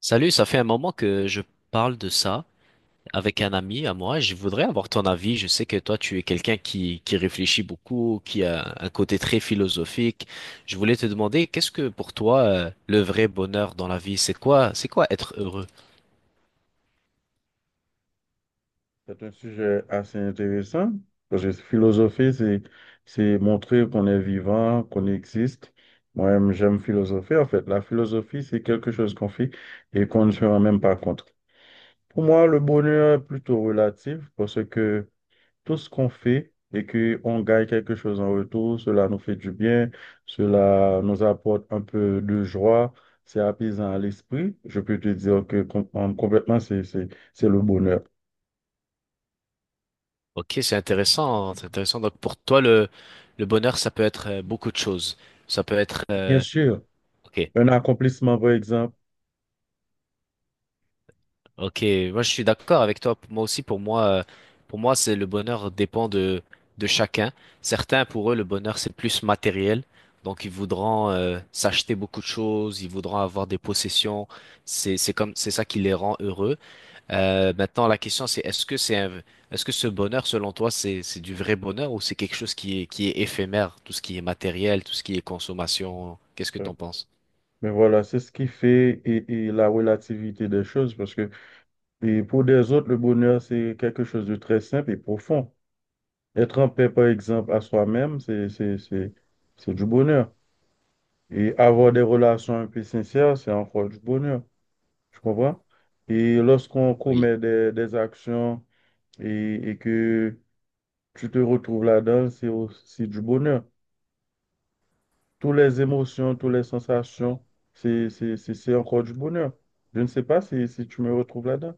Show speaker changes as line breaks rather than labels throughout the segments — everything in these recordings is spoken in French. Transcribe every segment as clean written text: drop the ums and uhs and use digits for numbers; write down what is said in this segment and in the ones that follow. Salut, ça fait un moment que je parle de ça avec un ami à moi. Je voudrais avoir ton avis. Je sais que toi, tu es quelqu'un qui réfléchit beaucoup, qui a un côté très philosophique. Je voulais te demander, qu'est-ce que pour toi, le vrai bonheur dans la vie, c'est quoi être heureux?
C'est un sujet assez intéressant parce que philosopher, c'est montrer qu'on est vivant, qu'on existe. Moi-même, j'aime philosopher. En fait, la philosophie, c'est quelque chose qu'on fait et qu'on ne se rend même pas compte. Pour moi, le bonheur est plutôt relatif parce que tout ce qu'on fait et qu'on gagne quelque chose en retour, cela nous fait du bien, cela nous apporte un peu de joie, c'est apaisant à l'esprit. Je peux te dire que complètement, c'est le bonheur.
Ok, c'est intéressant, c'est intéressant. Donc pour toi, le bonheur, ça peut être beaucoup de choses. Ça peut être,
Bien
euh,
sûr.
ok.
Un accomplissement, par exemple.
Ok, moi je suis d'accord avec toi. Moi aussi, pour moi, c'est le bonheur dépend de chacun. Certains, pour eux, le bonheur c'est plus matériel, donc ils voudront s'acheter beaucoup de choses, ils voudront avoir des possessions. C'est ça qui les rend heureux. Maintenant, la question c'est est-ce que est-ce que ce bonheur, selon toi, c'est du vrai bonheur ou c'est quelque chose qui est éphémère, tout ce qui est matériel, tout ce qui est consommation. Qu'est-ce que
Euh,
t'en penses?
Mais voilà, c'est ce qui fait et la relativité des choses, parce que et pour des autres, le bonheur, c'est quelque chose de très simple et profond. Être en paix, par exemple, à soi-même, c'est du bonheur. Et avoir des relations un peu sincères, c'est encore du bonheur. Tu comprends? Et lorsqu'on
Oui.
commet des actions et que tu te retrouves là-dedans, c'est aussi du bonheur. Toutes les émotions, toutes les sensations, c'est encore du bonheur. Je ne sais pas si tu me retrouves là-dedans.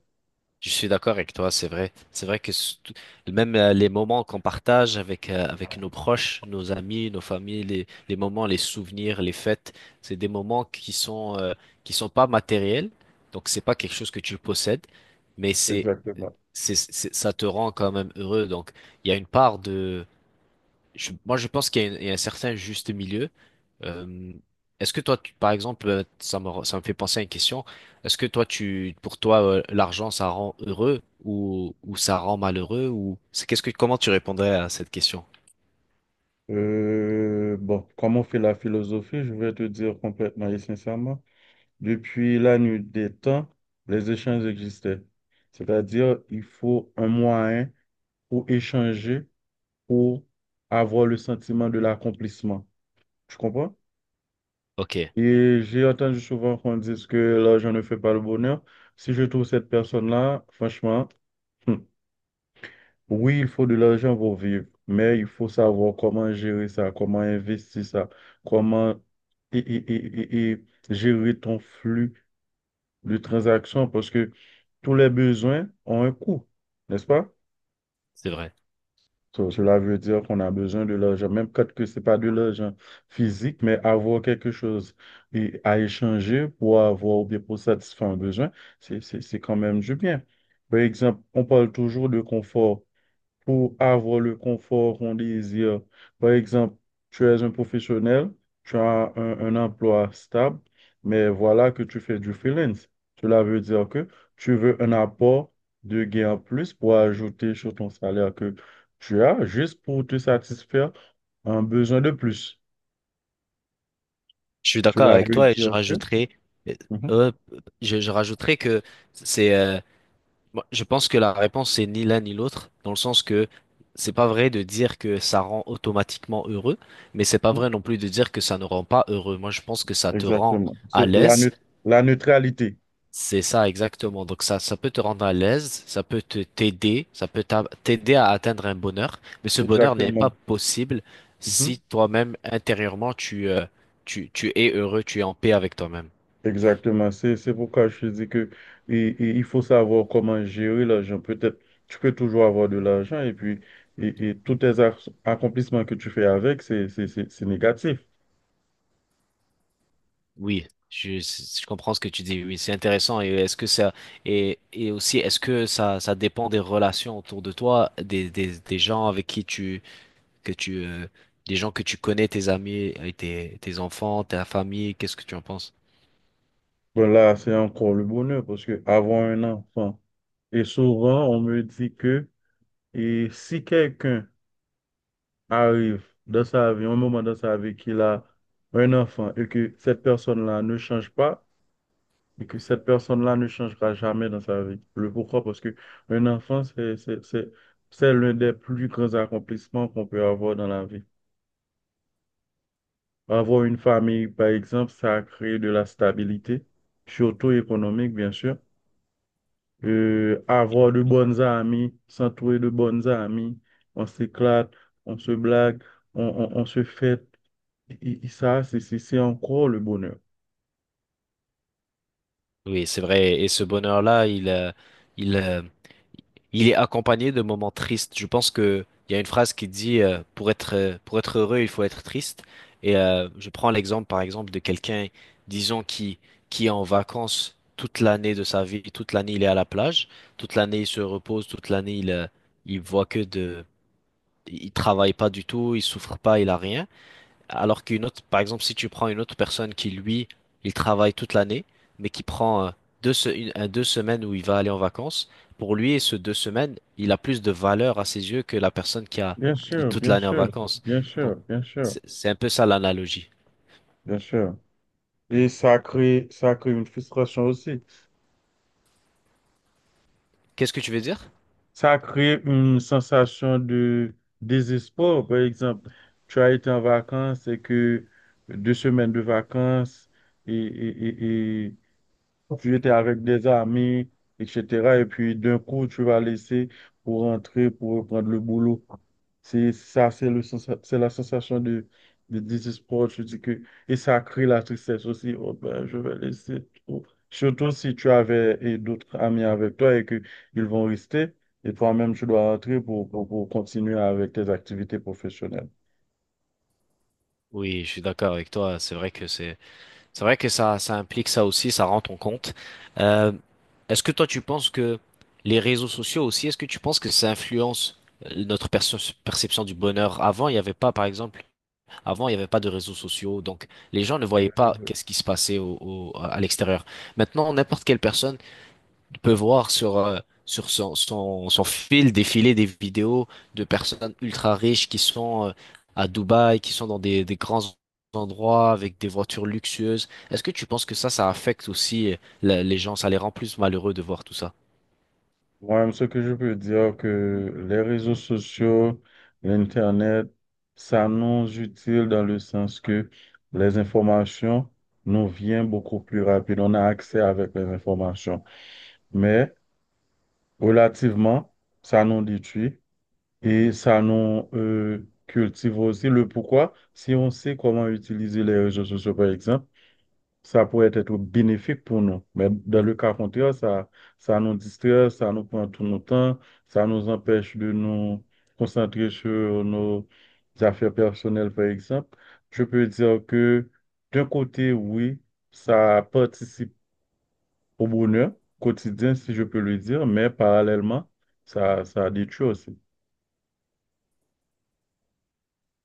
Je suis d'accord avec toi, c'est vrai. C'est vrai que même les moments qu'on partage avec, avec nos proches, nos amis, nos familles, les moments, les souvenirs, les fêtes, c'est des moments qui sont, qui sont pas matériels. Donc, c'est pas quelque chose que tu possèdes, mais
Exactement.
ça te rend quand même heureux. Donc, il y a moi, je pense qu'il y a, il y a un certain juste milieu. Euh, Est-ce que toi, par exemple, ça me fait penser à une question. Est-ce que toi, pour toi, l'argent, ça rend heureux ou ça rend malheureux ou c'est qu'est-ce que, comment tu répondrais à cette question?
Bon, comme on fait la philosophie, je vais te dire complètement et sincèrement, depuis la nuit des temps, les échanges existaient. C'est-à-dire, il faut un moyen pour échanger, pour avoir le sentiment de l'accomplissement. Tu comprends?
Ok,
Et j'ai entendu souvent qu'on dise que l'argent ne fait pas le bonheur. Si je trouve cette personne-là, franchement, hmm, oui, il faut de l'argent pour vivre, mais il faut savoir comment gérer ça, comment investir ça, comment et gérer ton flux de transactions, parce que tous les besoins ont un coût, n'est-ce pas?
c'est vrai.
So, cela veut dire qu'on a besoin de l'argent, même quand que c'est pas de l'argent physique, mais avoir quelque chose et à échanger pour avoir ou bien pour satisfaire un besoin, c'est quand même du bien. Par exemple, on parle toujours de confort pour avoir le confort qu'on désire. Par exemple, tu es un professionnel, tu as un emploi stable, mais voilà que tu fais du freelance. Cela veut dire que tu veux un apport de gain en plus pour ajouter sur ton salaire que tu as juste pour te satisfaire un besoin de plus.
Je suis d'accord
Cela
avec
veut
toi et je
dire que...
rajouterai, euh,
Mhm,
euh, je rajouterai que c'est, euh, moi, je pense que la réponse c'est ni l'un ni l'autre, dans le sens que c'est pas vrai de dire que ça rend automatiquement heureux, mais c'est pas
mhm,
vrai non plus de dire que ça ne rend pas heureux. Moi, je pense que ça te rend
exactement.
à
C'est la, neut-
l'aise,
la neutralité.
c'est ça exactement. Donc ça peut te rendre à l'aise, ça peut te t'aider, ça peut t'aider à atteindre un bonheur, mais ce bonheur n'est pas
Exactement.
possible
Mhm.
si toi-même intérieurement tu es heureux, tu es en paix avec toi-même.
Exactement, c'est pourquoi je te dis que et il faut savoir comment gérer l'argent. Peut-être tu peux toujours avoir de l'argent et puis et tous tes accomplissements que tu fais avec, c'est négatif.
Oui, je comprends ce que tu dis. Oui, c'est intéressant. Et est-ce que ça et aussi est-ce que ça dépend des relations autour de toi, des gens avec qui tu que tu des gens que tu connais, tes amis, et tes enfants, ta famille. Qu'est-ce que tu en penses?
Bon là, c'est encore le bonheur parce que avoir un enfant et souvent on me dit que et si quelqu'un arrive dans sa vie, un moment dans sa vie qu'il a un enfant et que cette personne-là ne change pas, et que cette personne-là ne changera jamais dans sa vie. Le pourquoi? Parce que un enfant, c'est l'un des plus grands accomplissements qu'on peut avoir dans la vie. Avoir une famille, par exemple, ça crée de la stabilité, surtout économique, bien sûr. Avoir de bonnes amies, s'entourer de bonnes amies, on s'éclate, on se blague, on se fête. Et ça, c'est encore le bonheur.
Oui, c'est vrai. Et ce bonheur-là, il euh, il est accompagné de moments tristes. Je pense que il y a une phrase qui dit pour être, pour être heureux, il faut être triste. Et je prends l'exemple par exemple de quelqu'un, disons qui est en vacances toute l'année de sa vie, toute l'année il est à la plage, toute l'année il se repose, toute l'année il voit que de il travaille pas du tout, il souffre pas, il a rien. Alors qu'une autre, par exemple, si tu prends une autre personne qui, lui, il travaille toute l'année, mais qui prend deux semaines où il va aller en vacances, pour lui, ce deux semaines, il a plus de valeur à ses yeux que la personne qui a
Bien
qui est
sûr,
toute
bien
l'année en
sûr,
vacances.
bien
Donc,
sûr, bien sûr,
c'est un peu ça l'analogie.
bien sûr. Et ça crée une frustration aussi.
Qu'est-ce que tu veux dire?
Ça crée une sensation de désespoir. Par exemple, tu as été en vacances et, que deux semaines de vacances et, et, et, Tu étais avec des amis, etc. Et puis d'un coup, tu vas laisser pour rentrer, pour reprendre le boulot. C'est ça, c'est la sensation de désespoir. Je dis que, et ça crée la tristesse aussi. Oh ben, je vais laisser tout. Surtout si tu avais et d'autres amis avec toi et que ils vont rester. Et toi-même, tu dois rentrer pour continuer avec tes activités professionnelles.
Oui, je suis d'accord avec toi. C'est vrai que ça implique ça aussi, ça rend ton compte. Euh, Est-ce que toi, tu penses que les réseaux sociaux aussi, est-ce que tu penses que ça influence notre perception du bonheur? Avant, il n'y avait pas, par exemple, avant, il n'y avait pas de réseaux sociaux, donc les gens ne voyaient pas qu'est-ce qui se passait à l'extérieur. Maintenant, n'importe quelle personne on peut voir sur, sur son fil défiler des vidéos de personnes ultra riches qui sont à Dubaï, qui sont dans des grands endroits avec des voitures luxueuses. Est-ce que tu penses que ça affecte aussi les gens, ça les rend plus malheureux de voir tout ça?
Moi, ce que je peux dire que les réseaux sociaux, l'Internet, ça nous utile dans le sens que les informations nous viennent beaucoup plus rapide. On a accès avec les informations. Mais relativement, ça nous détruit et ça nous cultive aussi le pourquoi. Si on sait comment utiliser les réseaux sociaux, par exemple, ça pourrait être bénéfique pour nous. Mais dans le cas contraire, ça nous distrait, ça nous prend tout notre temps, ça nous empêche de nous concentrer sur nos affaires personnelles, par exemple. Je peux dire que d'un côté, oui, ça participe au bonheur quotidien, si je peux le dire, mais parallèlement, ça détruit aussi.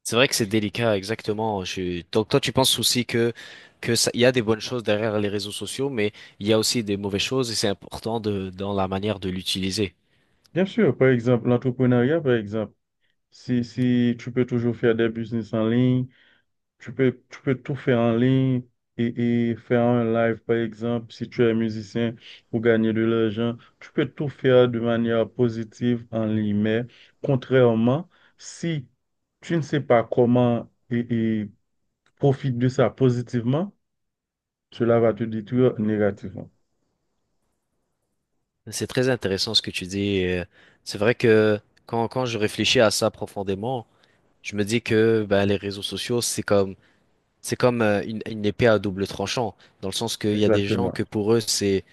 C'est vrai que c'est délicat, exactement. Donc toi, tu penses aussi que ça, il y a des bonnes choses derrière les réseaux sociaux, mais il y a aussi des mauvaises choses et c'est important de, dans la manière de l'utiliser.
Bien sûr, par exemple, l'entrepreneuriat, par exemple, si tu peux toujours faire des business en ligne, tu peux tout faire en ligne et faire un live, par exemple, si tu es musicien pour gagner de l'argent. Tu peux tout faire de manière positive en ligne. Mais contrairement, si tu ne sais pas comment et profite de ça positivement, cela va te détruire négativement.
C'est très intéressant ce que tu dis. Et c'est vrai que quand, quand je réfléchis à ça profondément, je me dis que ben, les réseaux sociaux, c'est comme une épée à double tranchant, dans le sens qu'il y a des gens
Exactement,
que pour eux,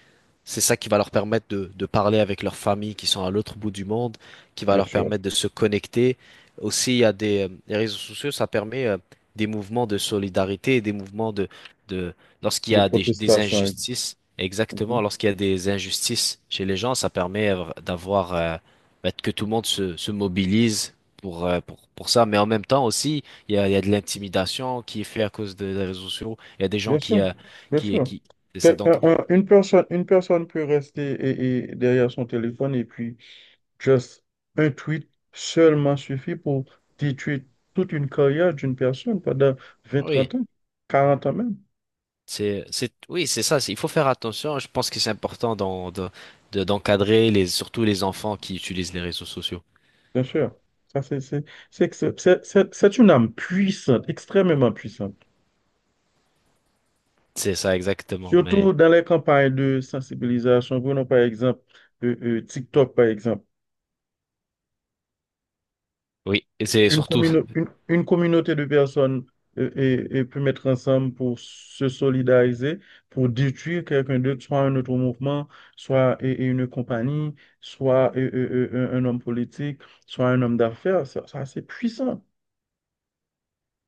c'est ça qui va leur permettre de parler avec leurs familles qui sont à l'autre bout du monde, qui va
bien
leur
sûr.
permettre de se connecter. Aussi, il y a les réseaux sociaux, ça permet des mouvements de solidarité, des mouvements de lorsqu'il y
Des
a des
protestations.
injustices, exactement,
Mhm.
lorsqu'il y a des injustices chez les gens, ça permet d'avoir bah, que tout le monde se mobilise pour ça. Mais en même temps aussi, il y a de l'intimidation qui est faite à cause de- des réseaux sociaux. Il y a des gens
Bien
qui,
sûr,
euh,
bien
qui,
sûr.
qui, c'est ça
Que- un-
donc.
un- Une personne, une personne peut rester et derrière son téléphone et puis just un tweet seulement suffit pour détruire toute une carrière d'une personne pendant vingt
Oui.
trente ans, 40 ans même,
Oui, c'est ça. C'est- Il faut faire attention. Je pense que c'est important d'encadrer surtout les enfants qui utilisent les réseaux sociaux.
bien sûr. Ça, c'est que c'est une âme puissante, extrêmement puissante.
C'est ça, exactement.
Surtout
Mais
dans les campagnes de sensibilisation. Prenons par exemple TikTok, par exemple.
oui, et c'est
une,
surtout,
commune une, une communauté de personnes et peut mettre ensemble pour se solidariser, pour détruire quelqu'un d'autre, soit un autre mouvement, soit et une compagnie, soit un homme politique, soit un homme d'affaires. Ça, c'est puissant.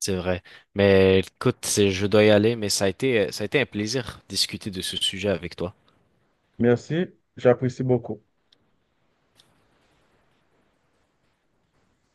c'est vrai. Mais écoute, c'est- je dois y aller, mais ça a été un plaisir de discuter de ce sujet avec toi.
Merci, j'apprécie beaucoup.